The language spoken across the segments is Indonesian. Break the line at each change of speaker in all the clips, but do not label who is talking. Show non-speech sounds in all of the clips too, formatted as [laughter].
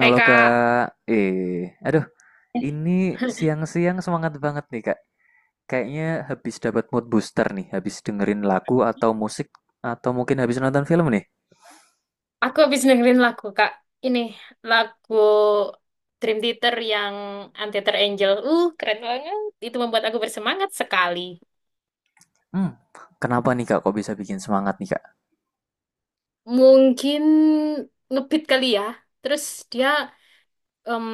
Hai Kak,
Kak, aduh, ini
[laughs]
siang-siang semangat banget nih Kak. Kayaknya habis dapat mood booster nih, habis dengerin lagu atau musik, atau mungkin habis nonton film nih.
aku habis dengerin lagu Kak. Ini lagu Dream Theater yang Untethered Angel. Keren banget. Itu membuat aku bersemangat sekali.
Hmm, Kenapa nih Kak, kok bisa bikin semangat nih Kak?
Mungkin ngebeat kali ya. Terus dia em,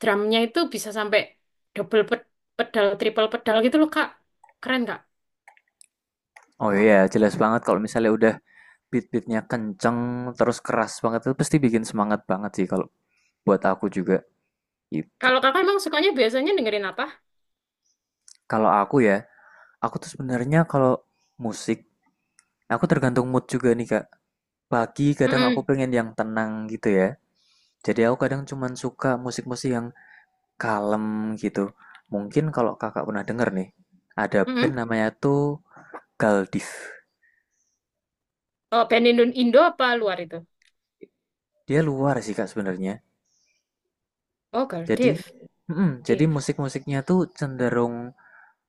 drumnya itu bisa sampai double pe- pedal, triple pedal gitu loh Kak. Keren Kak.
Oh iya, jelas banget kalau misalnya udah beat-beatnya kenceng, terus keras banget, itu pasti bikin semangat banget sih kalau buat aku juga gitu.
Kalau Kakak emang sukanya biasanya dengerin apa?
Kalau aku ya, aku tuh sebenarnya kalau musik, aku tergantung mood juga nih Kak. Pagi kadang aku
Mm-mm.
pengen yang tenang gitu ya. Jadi aku kadang cuman suka musik-musik yang kalem gitu. Mungkin kalau kakak pernah denger nih, ada
Mm-mm.
band namanya tuh Galdiv.
Oh, band Indo apa luar itu?
Dia luar sih kak sebenarnya.
Oh, Girl
Jadi,
Div.
jadi,
Div.
musik-musiknya tuh cenderung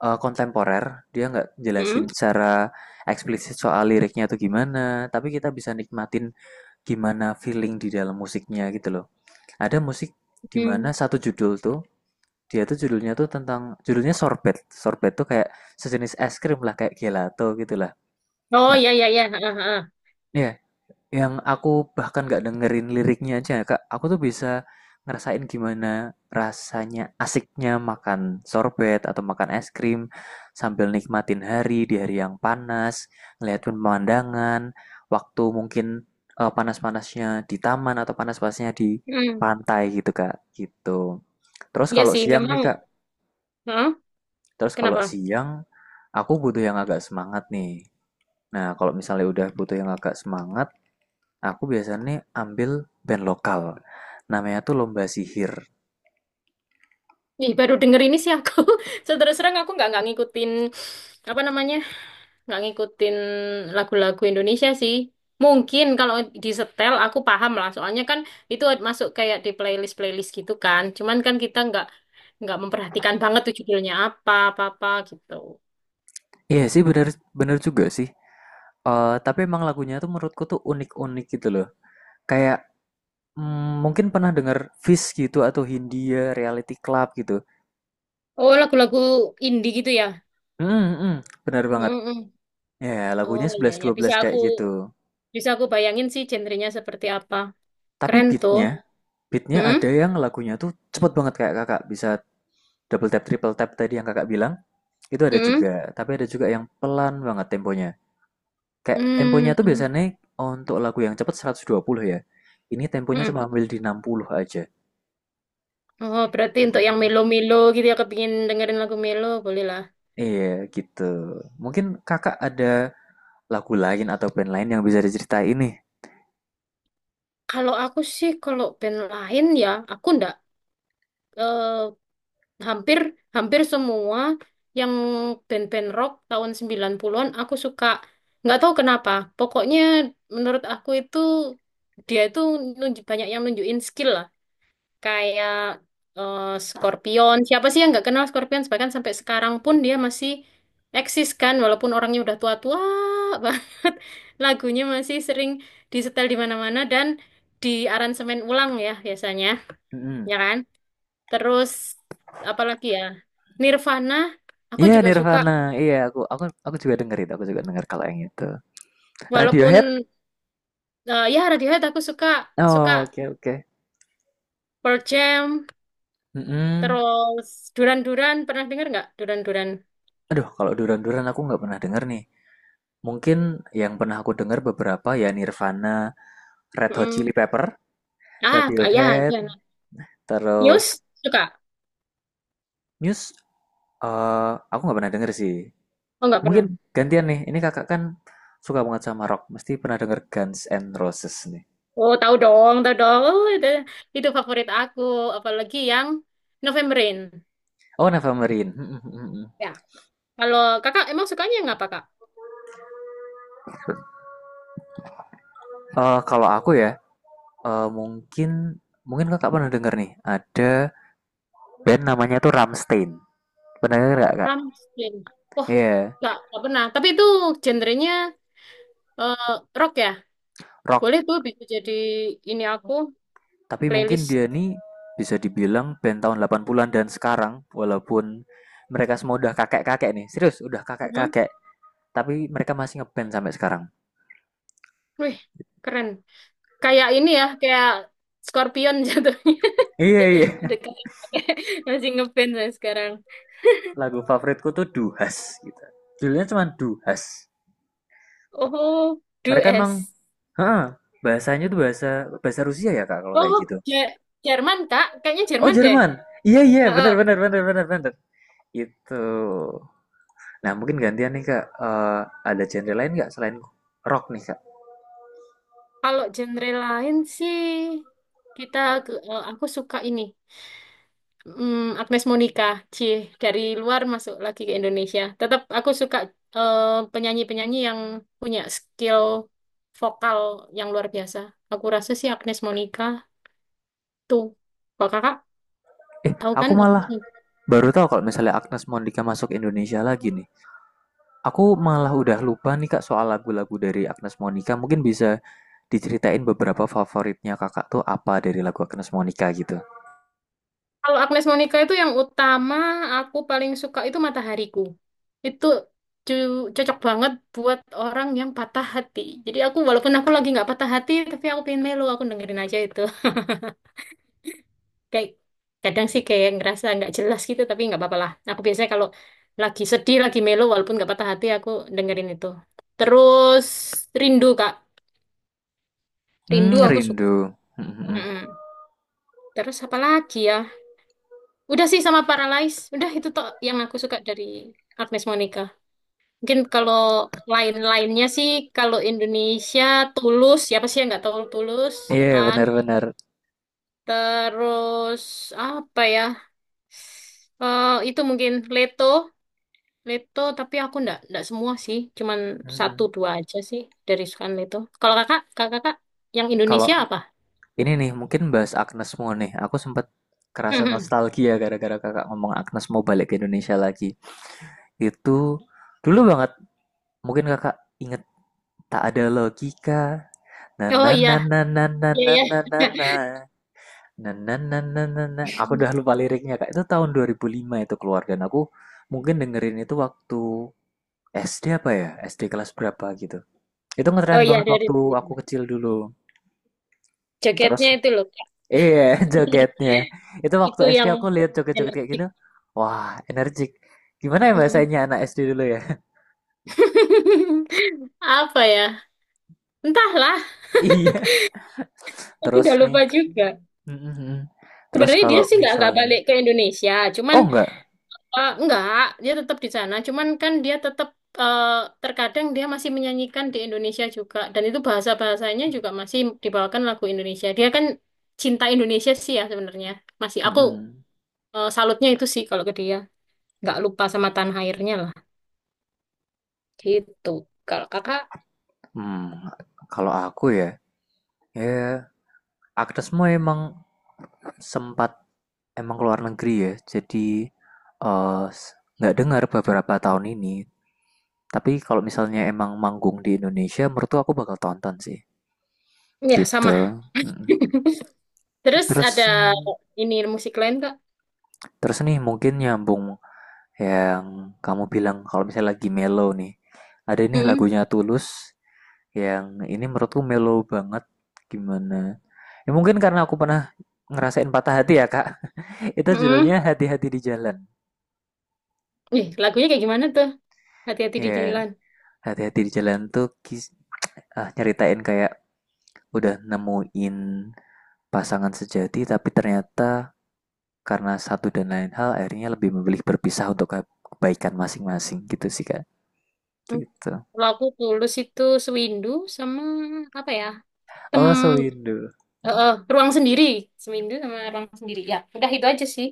kontemporer. Dia nggak jelasin
Mm-mm.
secara eksplisit soal liriknya tuh gimana. Tapi kita bisa nikmatin gimana feeling di dalam musiknya gitu loh. Ada musik di mana satu judul tuh dia tuh judulnya tuh tentang judulnya sorbet. Sorbet tuh kayak sejenis es krim lah, kayak gelato gitu lah.
Oh
Nah,
iya iya iya. Heeh, heeh.
ya yang aku bahkan nggak dengerin liriknya aja, Kak. Aku tuh bisa ngerasain gimana rasanya asiknya makan sorbet atau makan es krim sambil nikmatin hari di hari yang panas, ngeliat pemandangan, waktu mungkin panas-panasnya di taman atau panas-panasnya di
Hmm.
pantai gitu, Kak. Gitu. Terus
Iya
kalau
sih
siang nih,
memang.
Kak,
Heeh.
Terus kalau
Kenapa?
siang, aku butuh yang agak semangat nih. Nah, kalau misalnya udah butuh yang agak semangat, aku biasanya ambil band lokal. Namanya tuh Lomba Sihir.
Ih, baru denger ini sih aku. [laughs] So, terus terang aku nggak ngikutin apa namanya? Nggak ngikutin lagu-lagu Indonesia sih. Mungkin kalau di setel aku paham lah. Soalnya kan itu masuk kayak di playlist-playlist gitu kan. Cuman kan kita nggak memperhatikan banget tuh judulnya apa apa-apa gitu.
Iya sih, bener, bener juga sih. Eh, tapi emang lagunya tuh menurutku tuh unik-unik gitu loh. Kayak mungkin pernah denger Fish gitu atau Hindia, Reality Club gitu.
Oh, lagu-lagu indie gitu ya.
Hmm, hmm, bener banget.
Mm-mm.
Ya,
Oh
lagunya
iya
sebelas
iya
dua
bisa
belas
aku
kayak gitu.
bayangin sih genrenya seperti apa.
Tapi
Keren tuh.
beatnya, beatnya
Mm-mm,
ada yang lagunya tuh cepet banget kayak Kakak bisa double tap, triple tap tadi yang Kakak bilang, itu ada
mm-mm,
juga. Tapi ada juga yang pelan banget temponya. Kayak temponya tuh
mm,
biasanya untuk lagu yang cepet 120 ya. Ini temponya
mm-mm.
cuma ambil di 60 aja.
Oh, berarti untuk yang
Mhm.
melo-melo gitu ya, kepingin dengerin lagu melo, boleh lah.
Iya gitu. Mungkin Kakak ada lagu lain atau band lain yang bisa diceritain nih.
Kalau aku sih, kalau band lain ya, aku ndak eh, hampir hampir semua yang band-band rock tahun 90-an aku suka. Nggak tahu kenapa. Pokoknya menurut aku itu dia itu banyak yang nunjukin skill lah. Kayak eh, Scorpion. Siapa sih yang nggak kenal Scorpion? Bahkan sampai sekarang pun dia masih eksis kan, walaupun orangnya udah tua-tua [laughs] banget. Lagunya masih sering disetel di mana-mana dan di aransemen ulang ya biasanya,
Mhm.
ya kan? Terus apalagi ya? Nirvana, aku
Iya
juga suka.
Nirvana, iya aku juga denger itu, aku juga denger kalau yang itu.
Walaupun
Radiohead?
ya Radiohead aku suka, suka
Oh, oke oke.
Pearl Jam,
Mm-mm.
terus Duran Duran, pernah dengar nggak Duran Duran?
Aduh, kalau Duran-Duran aku nggak pernah denger nih. Mungkin yang pernah aku denger beberapa ya Nirvana, Red Hot Chili
Mm.
Pepper,
Ah, kayak itu.
Radiohead, terus
News suka?
Muse. Aku nggak pernah denger sih.
Oh nggak pernah.
Mungkin gantian nih. Ini kakak kan suka banget sama rock. Mesti pernah denger Guns N' Roses nih.
Oh tahu dong, tahu dong. Oh, itu favorit aku, apalagi yang November Rain.
Oh, Nevermind. [laughs]
Ya. Kalau kakak emang sukanya yang apa kak?
Kalau aku ya, mungkin mungkin kakak pernah denger nih. Ada band namanya tuh Rammstein. Pernah denger nggak kak?
Ramstein. Oh
Iya,
nggak pernah. Tapi itu genrenya eh, rock ya.
rock.
Boleh tuh bisa jadi ini aku
Tapi mungkin
playlist.
dia nih bisa dibilang band tahun 80-an dan sekarang walaupun mereka semua udah kakek-kakek nih. Serius, udah
Mhm.
kakek-kakek, tapi mereka masih ngeband sampai sekarang.
Wih keren. Kayak ini ya, kayak Scorpion jatuhnya.
Iya,
[laughs]
iya.
Dekat. [laughs] Masih ngeband saya sekarang.
[laughs] Lagu favoritku tuh Duhas gitu. Judulnya cuma Duhas.
Oh,
Mereka emang
Dues.
heeh, bahasanya tuh bahasa bahasa Rusia ya, Kak, kalau kayak
Oh,
gitu.
Je- Jerman, Kak. Kayaknya
Oh,
Jerman deh.
Jerman. Iya, iya,
Heeh.
benar benar benar benar benar. Itu. Nah, mungkin gantian nih, Kak. Eh, ada genre lain nggak selain rock nih, Kak?
Kalau genre lain sih, kita aku suka ini. Mm, Agnes Monica, cie dari luar masuk lagi ke Indonesia. Tetap aku suka eh, penyanyi-penyanyi yang punya skill vokal yang luar biasa. Aku rasa sih Agnes Monica tuh. Kalau kakak
Eh,
tahu
aku
kan Agnes
malah
Monica?
baru tahu kalau misalnya Agnes Monica masuk Indonesia lagi nih. Aku malah udah lupa nih Kak soal lagu-lagu dari Agnes Monica. Mungkin bisa diceritain beberapa favoritnya Kakak tuh apa dari lagu Agnes Monica gitu.
Kalau Agnes Monica itu yang utama aku paling suka itu Matahariku. Itu cocok banget buat orang yang patah hati. Jadi aku walaupun aku lagi nggak patah hati, tapi aku pengen melo, aku dengerin aja itu. [laughs] Kayak kadang sih kayak ngerasa nggak jelas gitu, tapi nggak apa-apa lah. Aku biasanya kalau lagi sedih, lagi melo, walaupun nggak patah hati, aku dengerin itu. Terus Rindu Kak,
Hmm,
Rindu aku suka.
rindu. Hmm,
Mm-mm. Terus apa lagi ya? Udah sih sama Paralyze. Udah itu toh yang aku suka dari Agnes Monica. Mungkin kalau lain-lainnya sih, kalau Indonesia Tulus, siapa sih yang nggak tahu Tulus, ya
iya, yeah,
kan?
benar-benar.
Terus apa ya? Eh itu mungkin Leto, Leto. Tapi aku nggak semua sih, cuman satu dua aja sih dari sukan Leto. Kalau kakak yang
Kalau
Indonesia apa? [laughs]
ini nih mungkin bahas Agnes Mo nih. Aku sempat kerasa
Mhm.
nostalgia gara-gara kakak ngomong Agnes mau balik ke Indonesia lagi. Itu dulu banget. Mungkin kakak inget tak ada logika. Na
Oh
na
iya,
na na na na
iya
na
iya.
na na na. Na na na na na. Aku udah lupa
[laughs]
liriknya Kak. Itu tahun 2005 itu keluar dan aku mungkin dengerin itu waktu SD apa ya? SD kelas berapa gitu. Itu
Oh
ngetren
iya
banget
dari
waktu aku kecil dulu. Terus
jaketnya itu loh. Kak.
iya [laughs] jogetnya.
[laughs]
Itu waktu
Itu
SD
yang
aku lihat joget-joget kayak
energi.
gini. Wah, energik. Gimana ya
Mhm.
bahasanya anak SD dulu ya? [laughs]
[laughs] Apa ya? Entahlah,
Iya.
aku
Terus
udah
nih.
lupa juga.
Mm, mm, mm. Terus
Sebenarnya dia
kalau
sih nggak
misalnya
balik ke Indonesia, cuman
Oh enggak.
nggak dia tetap di sana. Cuman kan dia tetap eh, terkadang dia masih menyanyikan di Indonesia juga, dan itu bahasanya juga masih dibawakan lagu Indonesia. Dia kan cinta Indonesia sih ya sebenarnya. Masih
Mm,
aku
mm.
salutnya itu sih kalau ke dia, nggak lupa sama tanah airnya lah. Gitu. Kalau kakak
Hmm, Kalau aku ya, ya, Agnesmo emang sempat emang keluar negeri ya. Jadi eh, nggak dengar beberapa tahun ini. Tapi kalau misalnya emang manggung di Indonesia, menurut aku bakal tonton sih.
ya sama.
Gitu. Mm.
[laughs] Terus
Terus
ada
Hmm.
ini musik lain kak?
terus nih mungkin nyambung yang kamu bilang kalau misalnya lagi mellow nih. Ada nih
Mm-mm.
lagunya Tulus yang ini menurutku mellow banget. Gimana? Ya mungkin karena aku pernah ngerasain patah hati ya, Kak. [laughs] Itu
Mm-mm.
judulnya Hati-hati di Jalan.
Ih, lagunya kayak gimana tuh? Hati-hati di
Ya,
jalan.
hati-hati di jalan tuh nyeritain kayak udah nemuin pasangan sejati tapi ternyata karena satu dan lain hal akhirnya lebih memilih berpisah untuk kebaikan masing-masing gitu sih Kak.
Hmm.
Gitu.
Kalau aku tulus itu sewindu sama apa ya? Tem
Oh, sewindu.
ruang sendiri. Sewindu sama ruang sendiri. Ya, udah itu aja sih.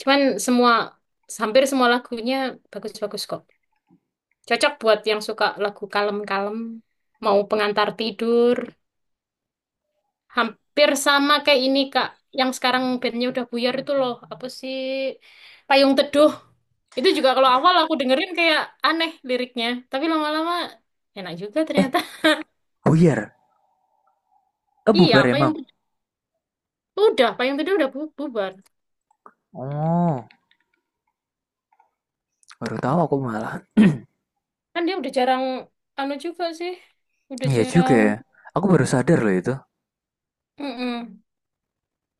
Cuman semua hampir semua lagunya bagus-bagus kok. Cocok buat yang suka lagu kalem-kalem, mau pengantar tidur. Hampir sama kayak ini, Kak. Yang sekarang bandnya udah buyar itu loh. Apa sih? Payung Teduh. Itu juga kalau awal aku dengerin kayak aneh liriknya, tapi lama-lama enak juga
Eh,
ternyata.
buyar. Eh,
Iya,
bubar emang.
Payung Teduh. Udah, Payung Teduh udah bubar.
Oh, baru tahu aku malah.
Kan dia udah jarang anu juga sih. Udah
Iya juga
jarang.
ya. Aku baru sadar loh itu.
Mm-mm.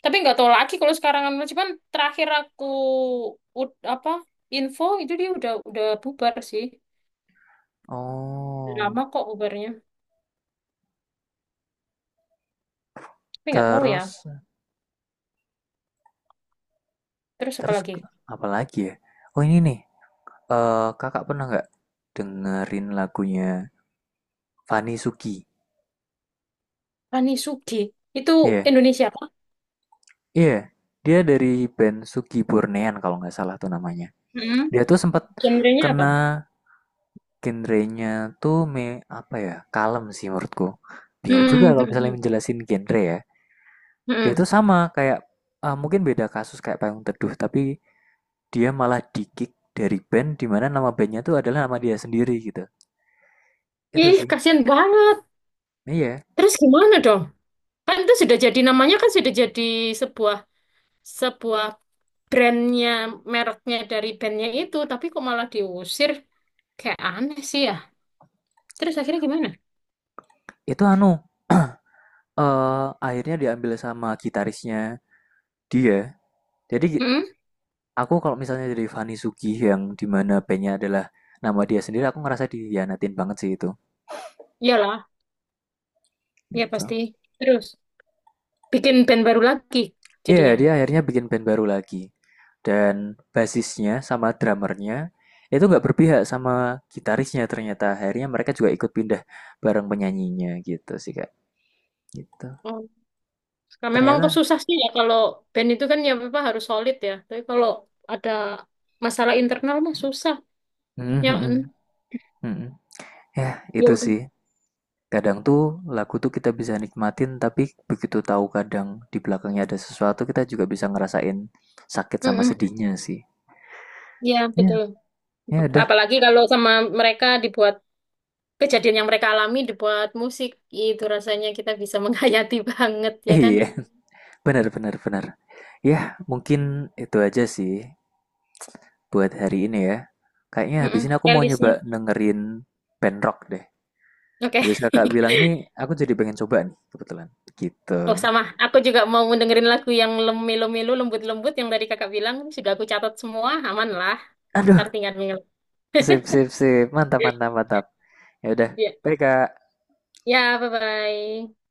Tapi nggak tahu lagi kalau sekarang anu cuman terakhir aku apa info itu dia udah bubar sih. Udah Lama
Oh,
kok bubarnya. Tapi nggak tahu ya.
terus
Terus apa
terus
lagi?
apa lagi ya? Oh, ini nih. Eh, kakak pernah nggak dengerin lagunya Fani Suki?
Ani Sugi. Itu
Iya, yeah.
Indonesia apa?
Iya. Yeah. Dia dari band Suki Burnean kalau nggak salah tuh namanya.
Mm-mm.
Dia tuh sempat
Genrenya apa?
kena genrenya tuh apa ya? Kalem sih menurutku. Bingung juga
Hmm.
kalau
Hmm.
misalnya
Hmm,
menjelasin genre ya. Dia tuh
hmm.
sama kayak mungkin beda kasus kayak Payung Teduh, tapi dia malah di-kick dari band di mana nama bandnya tuh adalah nama dia sendiri gitu. Itu
Ih,
sih.
kasihan banget.
Iya,
Terus gimana dong? Kan itu sudah jadi namanya kan sudah jadi sebuah sebuah brandnya, mereknya dari bandnya itu, tapi kok malah diusir? Kayak aneh sih ya. Terus akhirnya gimana?
itu anu. Akhirnya diambil sama gitarisnya dia. Jadi gi
Hmm?
Aku kalau misalnya jadi Fanny Sugi yang dimana mana adalah nama dia sendiri, aku ngerasa dikhianatin banget sih itu,
Iyalah, ya
gitu.
pasti. Terus bikin band baru lagi
Iya,
jadinya.
dia akhirnya bikin band baru lagi, dan basisnya sama drummer itu nggak berpihak sama gitarisnya ternyata, akhirnya mereka juga ikut pindah bareng penyanyinya gitu sih, Kak, gitu.
Oh. Nah, memang tuh
Ternyata
susah sih ya kalau band itu kan ya apa harus solid ya. Tapi kalau ada masalah internal mah susah.
mhm
Ya, kan?
mhm, mhm. Yah,
Ya
itu
udah.
sih. Kadang tuh lagu tuh kita bisa nikmatin tapi begitu tahu kadang di belakangnya ada sesuatu kita juga bisa ngerasain sakit sama
Mm-mm.
sedihnya sih.
Ya
Ya,
betul.
ya udah.
Apalagi kalau sama mereka dibuat kejadian yang mereka alami dibuat musik itu rasanya kita bisa menghayati [laughs] banget ya kan.
Iya, [laughs] benar benar benar. Ya, mungkin itu aja sih buat hari ini ya. Kayaknya habis
Mm-mm,
ini aku mau
playlistnya
nyoba dengerin band rock deh.
oke.
Habis
[laughs]
kakak bilang ini, aku jadi pengen coba nih kebetulan.
Oh
Gitu.
sama aku juga mau dengerin lagu yang lemilu-milu lembut-lembut yang dari kakak bilang juga aku catat semua aman lah,
Aduh,
ntar tinggal tinggal.
sip sip sip. Mantap mantap mantap. Ya udah.
Ya,
Baik, Kak.
ya, bye bye.